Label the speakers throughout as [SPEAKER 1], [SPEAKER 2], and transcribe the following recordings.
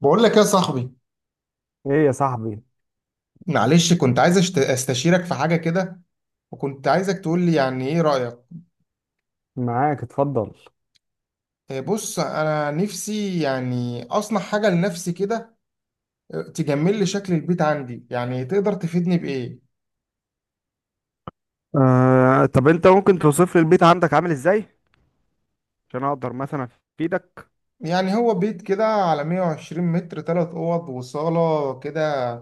[SPEAKER 1] بقول لك يا صاحبي،
[SPEAKER 2] ايه يا صاحبي.
[SPEAKER 1] معلش كنت عايز استشيرك في حاجة كده، وكنت عايزك تقول لي ايه رأيك.
[SPEAKER 2] معاك اتفضل.
[SPEAKER 1] إيه، بص انا نفسي يعني اصنع حاجة لنفسي كده، إيه، تجمل لي شكل البيت عندي، يعني تقدر تفيدني بإيه؟
[SPEAKER 2] طب انت ممكن توصف لي البيت عندك عامل ازاي؟ عشان اقدر مثلا افيدك.
[SPEAKER 1] يعني هو بيت كده على 120 متر، ثلاث اوض وصالة كده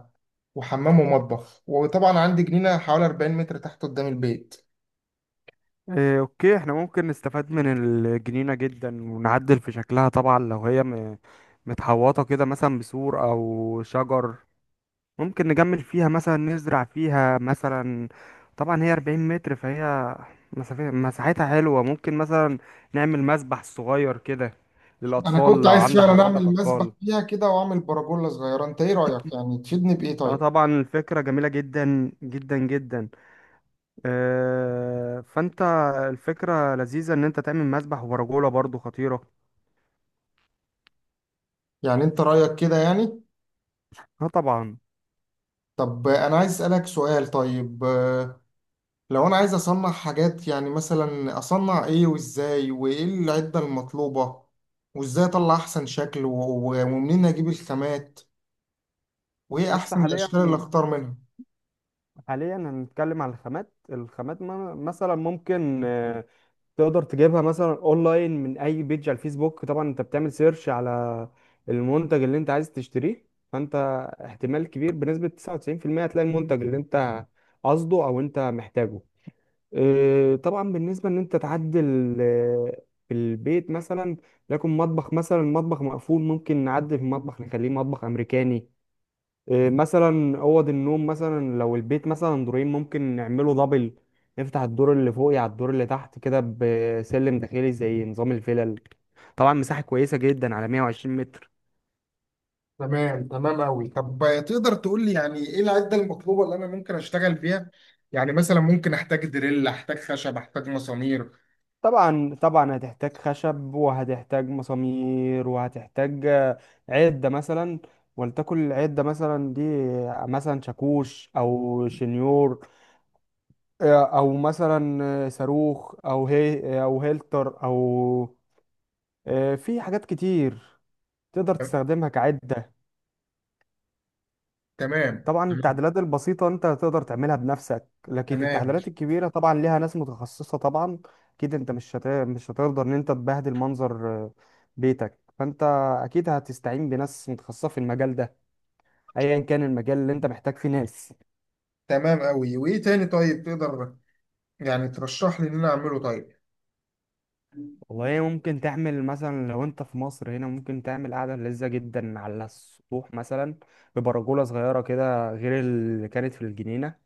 [SPEAKER 1] وحمام ومطبخ، وطبعا عندي جنينة حوالي 40 متر تحت قدام البيت.
[SPEAKER 2] اوكي، احنا ممكن نستفاد من الجنينة جدا ونعدل في شكلها، طبعا لو هي متحوطة كده مثلا بسور او شجر. ممكن نجمل فيها مثلا، نزرع فيها مثلا. طبعا هي 40 متر، فهي مساحتها حلوة، ممكن مثلا نعمل مسبح صغير كده
[SPEAKER 1] انا
[SPEAKER 2] للأطفال،
[SPEAKER 1] كنت
[SPEAKER 2] لو
[SPEAKER 1] عايز
[SPEAKER 2] عند
[SPEAKER 1] فعلا
[SPEAKER 2] حضرتك
[SPEAKER 1] اعمل مسبح
[SPEAKER 2] أطفال.
[SPEAKER 1] فيها كده واعمل برجولة صغيرة، انت ايه رأيك؟ يعني تفيدني بإيه
[SPEAKER 2] اه
[SPEAKER 1] طيب؟
[SPEAKER 2] طبعا، الفكرة جميلة جدا جدا جدا. فانت، الفكرة لذيذة ان انت تعمل مسبح ورجولة برضو خطيرة.
[SPEAKER 1] يعني انت رأيك كده يعني؟
[SPEAKER 2] اه طبعا.
[SPEAKER 1] طب أنا عايز أسألك سؤال طيب. لو أنا عايز أصنع حاجات، يعني مثلا أصنع إيه وإزاي وإيه العدة المطلوبة، وإزاي أطلع أحسن شكل ومنين أجيب الخامات، وإيه
[SPEAKER 2] بص
[SPEAKER 1] أحسن
[SPEAKER 2] حاليا،
[SPEAKER 1] الأشكال اللي أختار منها؟
[SPEAKER 2] هنتكلم على الخامات. مثلا ممكن، تقدر تجيبها مثلا اونلاين من اي بيج على الفيسبوك. طبعا انت بتعمل سيرش على المنتج اللي انت عايز تشتريه، فانت احتمال كبير بنسبة 99% هتلاقي المنتج اللي انت قصده او انت محتاجه. طبعا بالنسبه ان انت تعدل في البيت مثلا، لكن مطبخ، مثلا مطبخ مقفول، ممكن نعدل في المطبخ نخليه مطبخ امريكاني. مثلا اوض النوم، مثلا لو البيت مثلا دورين ممكن نعمله دبل، نفتح الدور اللي فوقي على الدور اللي تحت كده بسلم داخلي زي نظام الفلل. طبعا مساحه كويسه جدا على 120 متر.
[SPEAKER 1] تمام تمام أوي. طب، تقدر تقول لي يعني إيه العدة المطلوبة اللي أنا ممكن أشتغل بيها؟ يعني مثلا ممكن أحتاج دريل، أحتاج خشب، أحتاج مسامير.
[SPEAKER 2] طبعا طبعا هتحتاج خشب وهتحتاج مسامير وهتحتاج عدة مثلا. ولتكن العدة مثلا دي، مثلا شاكوش او شنيور، او مثلا صاروخ، او هي او هيلتر، او في حاجات كتير تقدر تستخدمها كعدة.
[SPEAKER 1] تمام
[SPEAKER 2] طبعا
[SPEAKER 1] تمام.
[SPEAKER 2] التعديلات البسيطة انت تقدر تعملها بنفسك، لكن
[SPEAKER 1] تمام
[SPEAKER 2] التعديلات الكبيرة طبعا ليها ناس متخصصة طبعا. اكيد انت مش هتقدر ان انت تبهدل منظر بيتك، فانت اكيد هتستعين بناس متخصصة في المجال ده، ايا كان المجال اللي انت محتاج فيه ناس.
[SPEAKER 1] تمام أوي. وإيه تاني طيب تقدر يعني ترشح لي إن أنا أعمله طيب؟
[SPEAKER 2] والله ممكن تعمل مثلا، لو انت في مصر هنا ممكن تعمل قعدة لذة جدا على السطوح مثلا، ببرجولة صغيرة كده غير اللي كانت في الجنينة.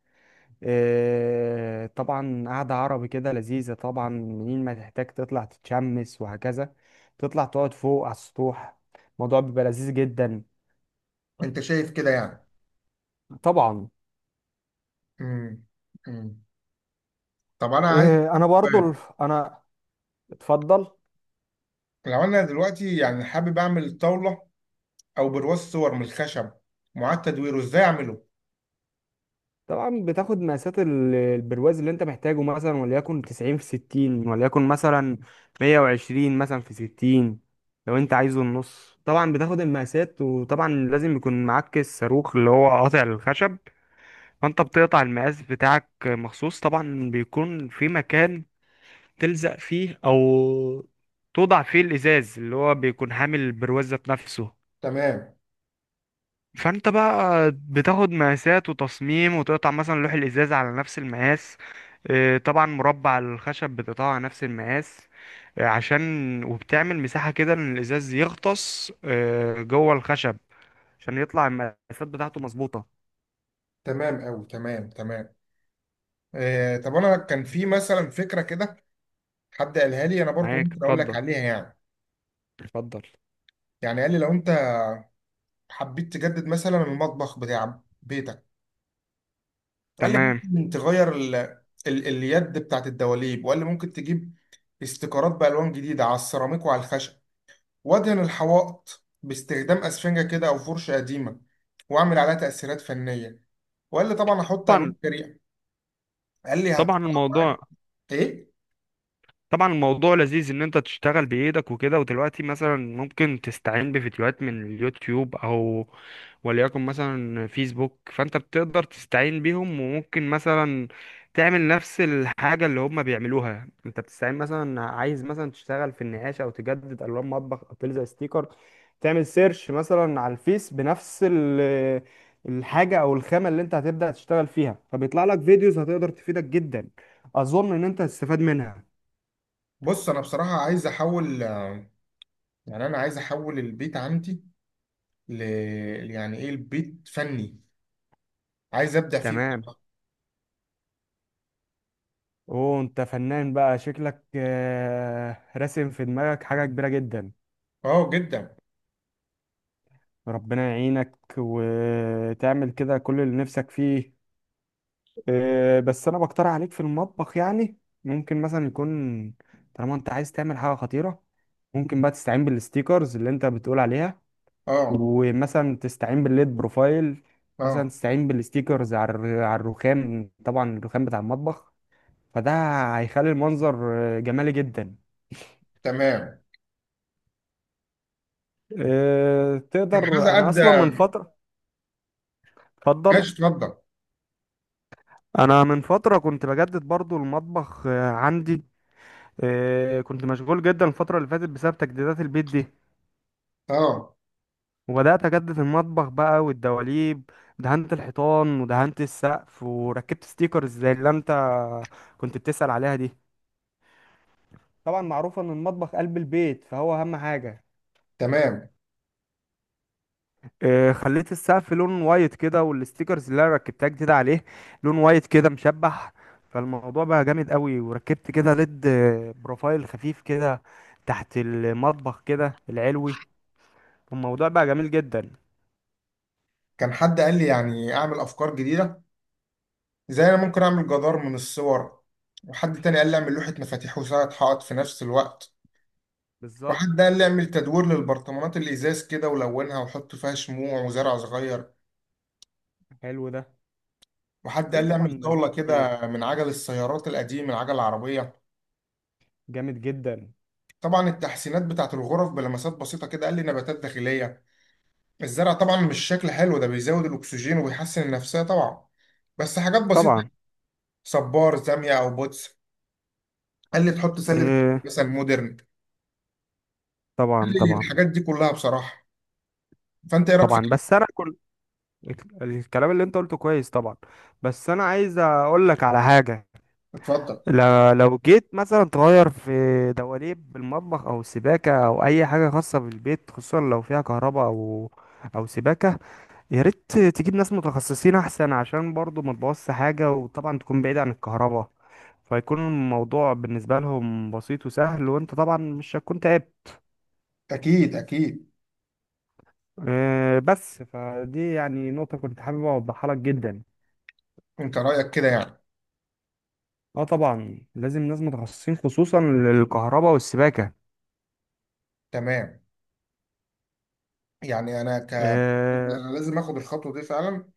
[SPEAKER 2] طبعا قعدة عربي كده لذيذة، طبعا منين ما تحتاج تطلع تتشمس وهكذا تطلع تقعد فوق على السطوح. الموضوع بيبقى لذيذ جدا.
[SPEAKER 1] انت شايف كده يعني؟
[SPEAKER 2] طبعا.
[SPEAKER 1] امم امم طب انا عايز
[SPEAKER 2] آه، انا برضو
[SPEAKER 1] سؤال.
[SPEAKER 2] ال- انا. اتفضل.
[SPEAKER 1] لو انا دلوقتي يعني حابب اعمل طاوله او برواز صور من الخشب معاد تدويره، ازاي اعمله؟
[SPEAKER 2] طبعا بتاخد مقاسات البرواز اللي انت محتاجه، مثلا وليكن 90 في 60، وليكن مثلا 120 مثلا في 60 لو انت عايزه النص. طبعا بتاخد المقاسات، وطبعا لازم يكون معاك الصاروخ اللي هو قاطع الخشب. فانت بتقطع المقاس بتاعك مخصوص، طبعا بيكون في مكان تلزق فيه او توضع فيه الازاز اللي هو بيكون حامل البروزة بنفسه.
[SPEAKER 1] تمام،
[SPEAKER 2] فانت بقى بتاخد مقاسات وتصميم، وتقطع مثلا لوح الازاز على نفس المقاس. طبعا مربع الخشب بتقطعه على نفس المقاس. عشان وبتعمل مساحة كده ان الازاز يغطس جوه الخشب، عشان يطلع المقاسات بتاعته مظبوطة.
[SPEAKER 1] تمام قوي، تمام تمام. آه طب انا كان في مثلا فكره كده، حد قالها لي، انا برضو
[SPEAKER 2] معاك
[SPEAKER 1] ممكن اقول لك
[SPEAKER 2] اتفضل
[SPEAKER 1] عليها يعني.
[SPEAKER 2] اتفضل.
[SPEAKER 1] يعني قال لي لو انت حبيت تجدد مثلا المطبخ بتاع بيتك، قال لي
[SPEAKER 2] تمام.
[SPEAKER 1] ممكن تغير اليد بتاعت الدواليب، وقال لي ممكن تجيب استيكرات بالوان جديده على السيراميك وعلى الخشب، وادهن الحوائط باستخدام اسفنجة كده او فرشة قديمة واعمل عليها تأثيرات فنية. وقال لي طبعا هحط الوان
[SPEAKER 2] طبعا.
[SPEAKER 1] جريئة، قال لي
[SPEAKER 2] طبعا
[SPEAKER 1] هتطلع معاك. ايه،
[SPEAKER 2] الموضوع لذيذ ان انت تشتغل بايدك وكده، ودلوقتي مثلا ممكن تستعين بفيديوهات من اليوتيوب او وليكن مثلا فيسبوك. فانت بتقدر تستعين بيهم، وممكن مثلا تعمل نفس الحاجة اللي هم بيعملوها. انت بتستعين مثلا، عايز مثلا تشتغل في النقاش او تجدد الوان مطبخ او تلزق ستيكر، تعمل سيرش مثلا على الفيس بنفس الحاجة او الخامة اللي انت هتبدأ تشتغل فيها، فبيطلع لك فيديوز هتقدر تفيدك جدا. اظن ان انت هتستفاد منها.
[SPEAKER 1] بص انا بصراحة عايز احول يعني انا عايز احول البيت عندي ل، يعني ايه، البيت فني، عايز ابدع فيه.
[SPEAKER 2] تمام. اوه انت فنان بقى شكلك، راسم في دماغك حاجة كبيرة جدا.
[SPEAKER 1] اه جدا.
[SPEAKER 2] ربنا يعينك وتعمل كده كل اللي نفسك فيه. بس انا بقترح عليك في المطبخ يعني ممكن مثلا يكون، طالما انت عايز تعمل حاجة خطيرة، ممكن بقى تستعين بالستيكرز اللي انت بتقول عليها،
[SPEAKER 1] اه.
[SPEAKER 2] ومثلا تستعين بالليد بروفايل، مثلا
[SPEAKER 1] اه.
[SPEAKER 2] تستعين بالستيكرز على على الرخام، طبعا الرخام بتاع المطبخ. فده هيخلي المنظر جمالي جدا.
[SPEAKER 1] تمام. كان حد
[SPEAKER 2] تقدر. انا اصلا من
[SPEAKER 1] ادى.
[SPEAKER 2] فترة. اتفضل.
[SPEAKER 1] ماشي اتفضل.
[SPEAKER 2] انا من فتره كنت بجدد برضو المطبخ عندي. كنت مشغول جدا الفتره اللي فاتت بسبب تجديدات البيت دي،
[SPEAKER 1] اه.
[SPEAKER 2] وبدات اجدد المطبخ بقى والدواليب. دهنت الحيطان ودهنت السقف وركبت ستيكرز زي اللي انت كنت بتسأل عليها دي. طبعا معروف ان المطبخ قلب البيت فهو اهم حاجه.
[SPEAKER 1] تمام.
[SPEAKER 2] خليت السقف لون وايت كده، والستيكرز اللي انا ركبتها جديد عليه لون وايت كده مشبح. فالموضوع بقى جامد قوي، وركبت كده ليد بروفايل خفيف كده تحت المطبخ كده العلوي. الموضوع بقى جميل جدا.
[SPEAKER 1] كان حد قال لي يعني اعمل افكار جديدة، زي انا ممكن اعمل جدار من الصور، وحد تاني قال لي اعمل لوحة مفاتيح وساعة حائط في نفس الوقت،
[SPEAKER 2] بالظبط.
[SPEAKER 1] وحد قال لي اعمل تدوير للبرطمانات الازاز كده ولونها وحط فيها شموع وزرع صغير،
[SPEAKER 2] حلو ده.
[SPEAKER 1] وحد قال
[SPEAKER 2] في
[SPEAKER 1] لي
[SPEAKER 2] طبعا
[SPEAKER 1] اعمل
[SPEAKER 2] مميزات
[SPEAKER 1] طاولة
[SPEAKER 2] كتير.
[SPEAKER 1] كده من عجل السيارات القديم، من عجل العربية.
[SPEAKER 2] جامد جدا.
[SPEAKER 1] طبعا التحسينات بتاعت الغرف بلمسات بسيطة كده، قال لي نباتات داخلية، الزرع طبعا مش شكل حلو ده، بيزود الاكسجين وبيحسن النفسية طبعا، بس حاجات بسيطة.
[SPEAKER 2] طبعا
[SPEAKER 1] صبار زاوية او بوتس، قال لي تحط سلة
[SPEAKER 2] آه،
[SPEAKER 1] مثلا مودرن. قال
[SPEAKER 2] طبعا.
[SPEAKER 1] لي
[SPEAKER 2] طبعا
[SPEAKER 1] الحاجات دي كلها بصراحة. فانت ايه رايك في
[SPEAKER 2] طبعا
[SPEAKER 1] كده؟
[SPEAKER 2] بس انا كل الكلام اللي انت قلته كويس طبعا. بس انا عايز اقول لك على حاجة.
[SPEAKER 1] اتفضل.
[SPEAKER 2] لو جيت مثلا تغير في دواليب المطبخ او السباكه او اي حاجه خاصه بالبيت، خصوصا لو فيها كهرباء او سباكه، يا ريت تجيب ناس متخصصين احسن، عشان برضو ما تبوظش حاجه، وطبعا تكون بعيد عن الكهرباء. فيكون الموضوع بالنسبه لهم بسيط وسهل، وانت طبعا مش هتكون تعبت.
[SPEAKER 1] اكيد اكيد.
[SPEAKER 2] بس فدي يعني نقطه كنت حابب اوضحها لك جدا.
[SPEAKER 1] انت رايك كده يعني؟
[SPEAKER 2] اه طبعا، لازم ناس متخصصين خصوصا للكهرباء والسباكه.
[SPEAKER 1] تمام. يعني انا ك
[SPEAKER 2] آه،
[SPEAKER 1] انا لازم اخد الخطوه دي فعلا،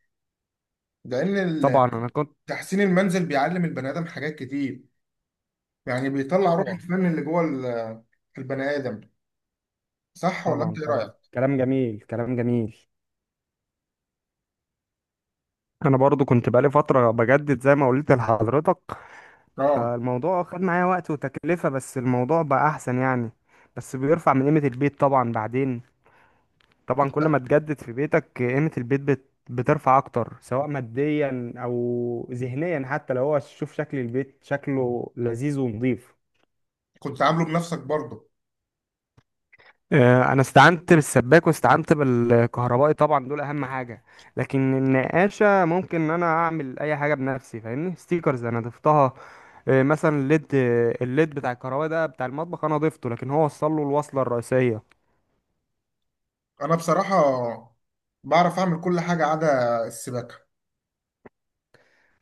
[SPEAKER 1] لان
[SPEAKER 2] طبعا انا كنت.
[SPEAKER 1] تحسين المنزل بيعلم البني ادم حاجات كتير، يعني
[SPEAKER 2] اه
[SPEAKER 1] بيطلع روح
[SPEAKER 2] طبعا.
[SPEAKER 1] الفن اللي جوه البني ادم. صح، ولا انت
[SPEAKER 2] طبعا
[SPEAKER 1] ايه
[SPEAKER 2] طبعا
[SPEAKER 1] رايك؟
[SPEAKER 2] كلام جميل كلام جميل. انا برضو كنت بقالي فترة بجدد زي ما قلت لحضرتك.
[SPEAKER 1] اه.
[SPEAKER 2] فالموضوع خد معايا وقت وتكلفة، بس الموضوع بقى احسن يعني. بس بيرفع من قيمة البيت طبعا، بعدين طبعا
[SPEAKER 1] كنت
[SPEAKER 2] كل ما تجدد في بيتك قيمة البيت بترفع اكتر، سواء ماديا او ذهنيا، حتى لو هو شوف شكل البيت شكله لذيذ ونظيف.
[SPEAKER 1] كنت عامله بنفسك برضه؟
[SPEAKER 2] انا استعنت بالسباك واستعنت بالكهربائي، طبعا دول اهم حاجه. لكن النقاشه ممكن ان انا اعمل اي حاجه بنفسي، فاهمني، ستيكرز انا ضفتها. مثلا الليد، الليد بتاع الكهربائي ده بتاع المطبخ انا ضفته، لكن هو وصل له الوصله الرئيسيه.
[SPEAKER 1] انا بصراحه بعرف اعمل كل حاجه عدا السباكه.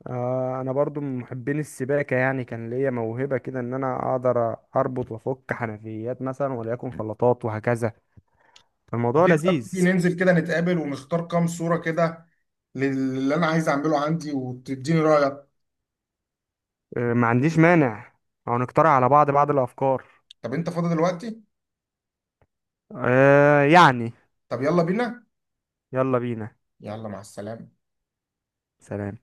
[SPEAKER 2] انا برضو من محبين السباكه يعني، كان ليا موهبه كده ان انا اقدر اربط وافك حنفيات مثلا وليكن خلاطات وهكذا.
[SPEAKER 1] طب
[SPEAKER 2] الموضوع
[SPEAKER 1] ايه رايك تيجي
[SPEAKER 2] لذيذ.
[SPEAKER 1] ننزل كده نتقابل ونختار كام صوره كده للي انا عايز اعمله عندي وتديني رايك؟
[SPEAKER 2] ما عنديش مانع، او نقترح على بعض الافكار.
[SPEAKER 1] طب انت فاضي دلوقتي؟
[SPEAKER 2] آه يعني.
[SPEAKER 1] طب يلا بينا.
[SPEAKER 2] يلا بينا.
[SPEAKER 1] يلا مع السلامة.
[SPEAKER 2] سلام.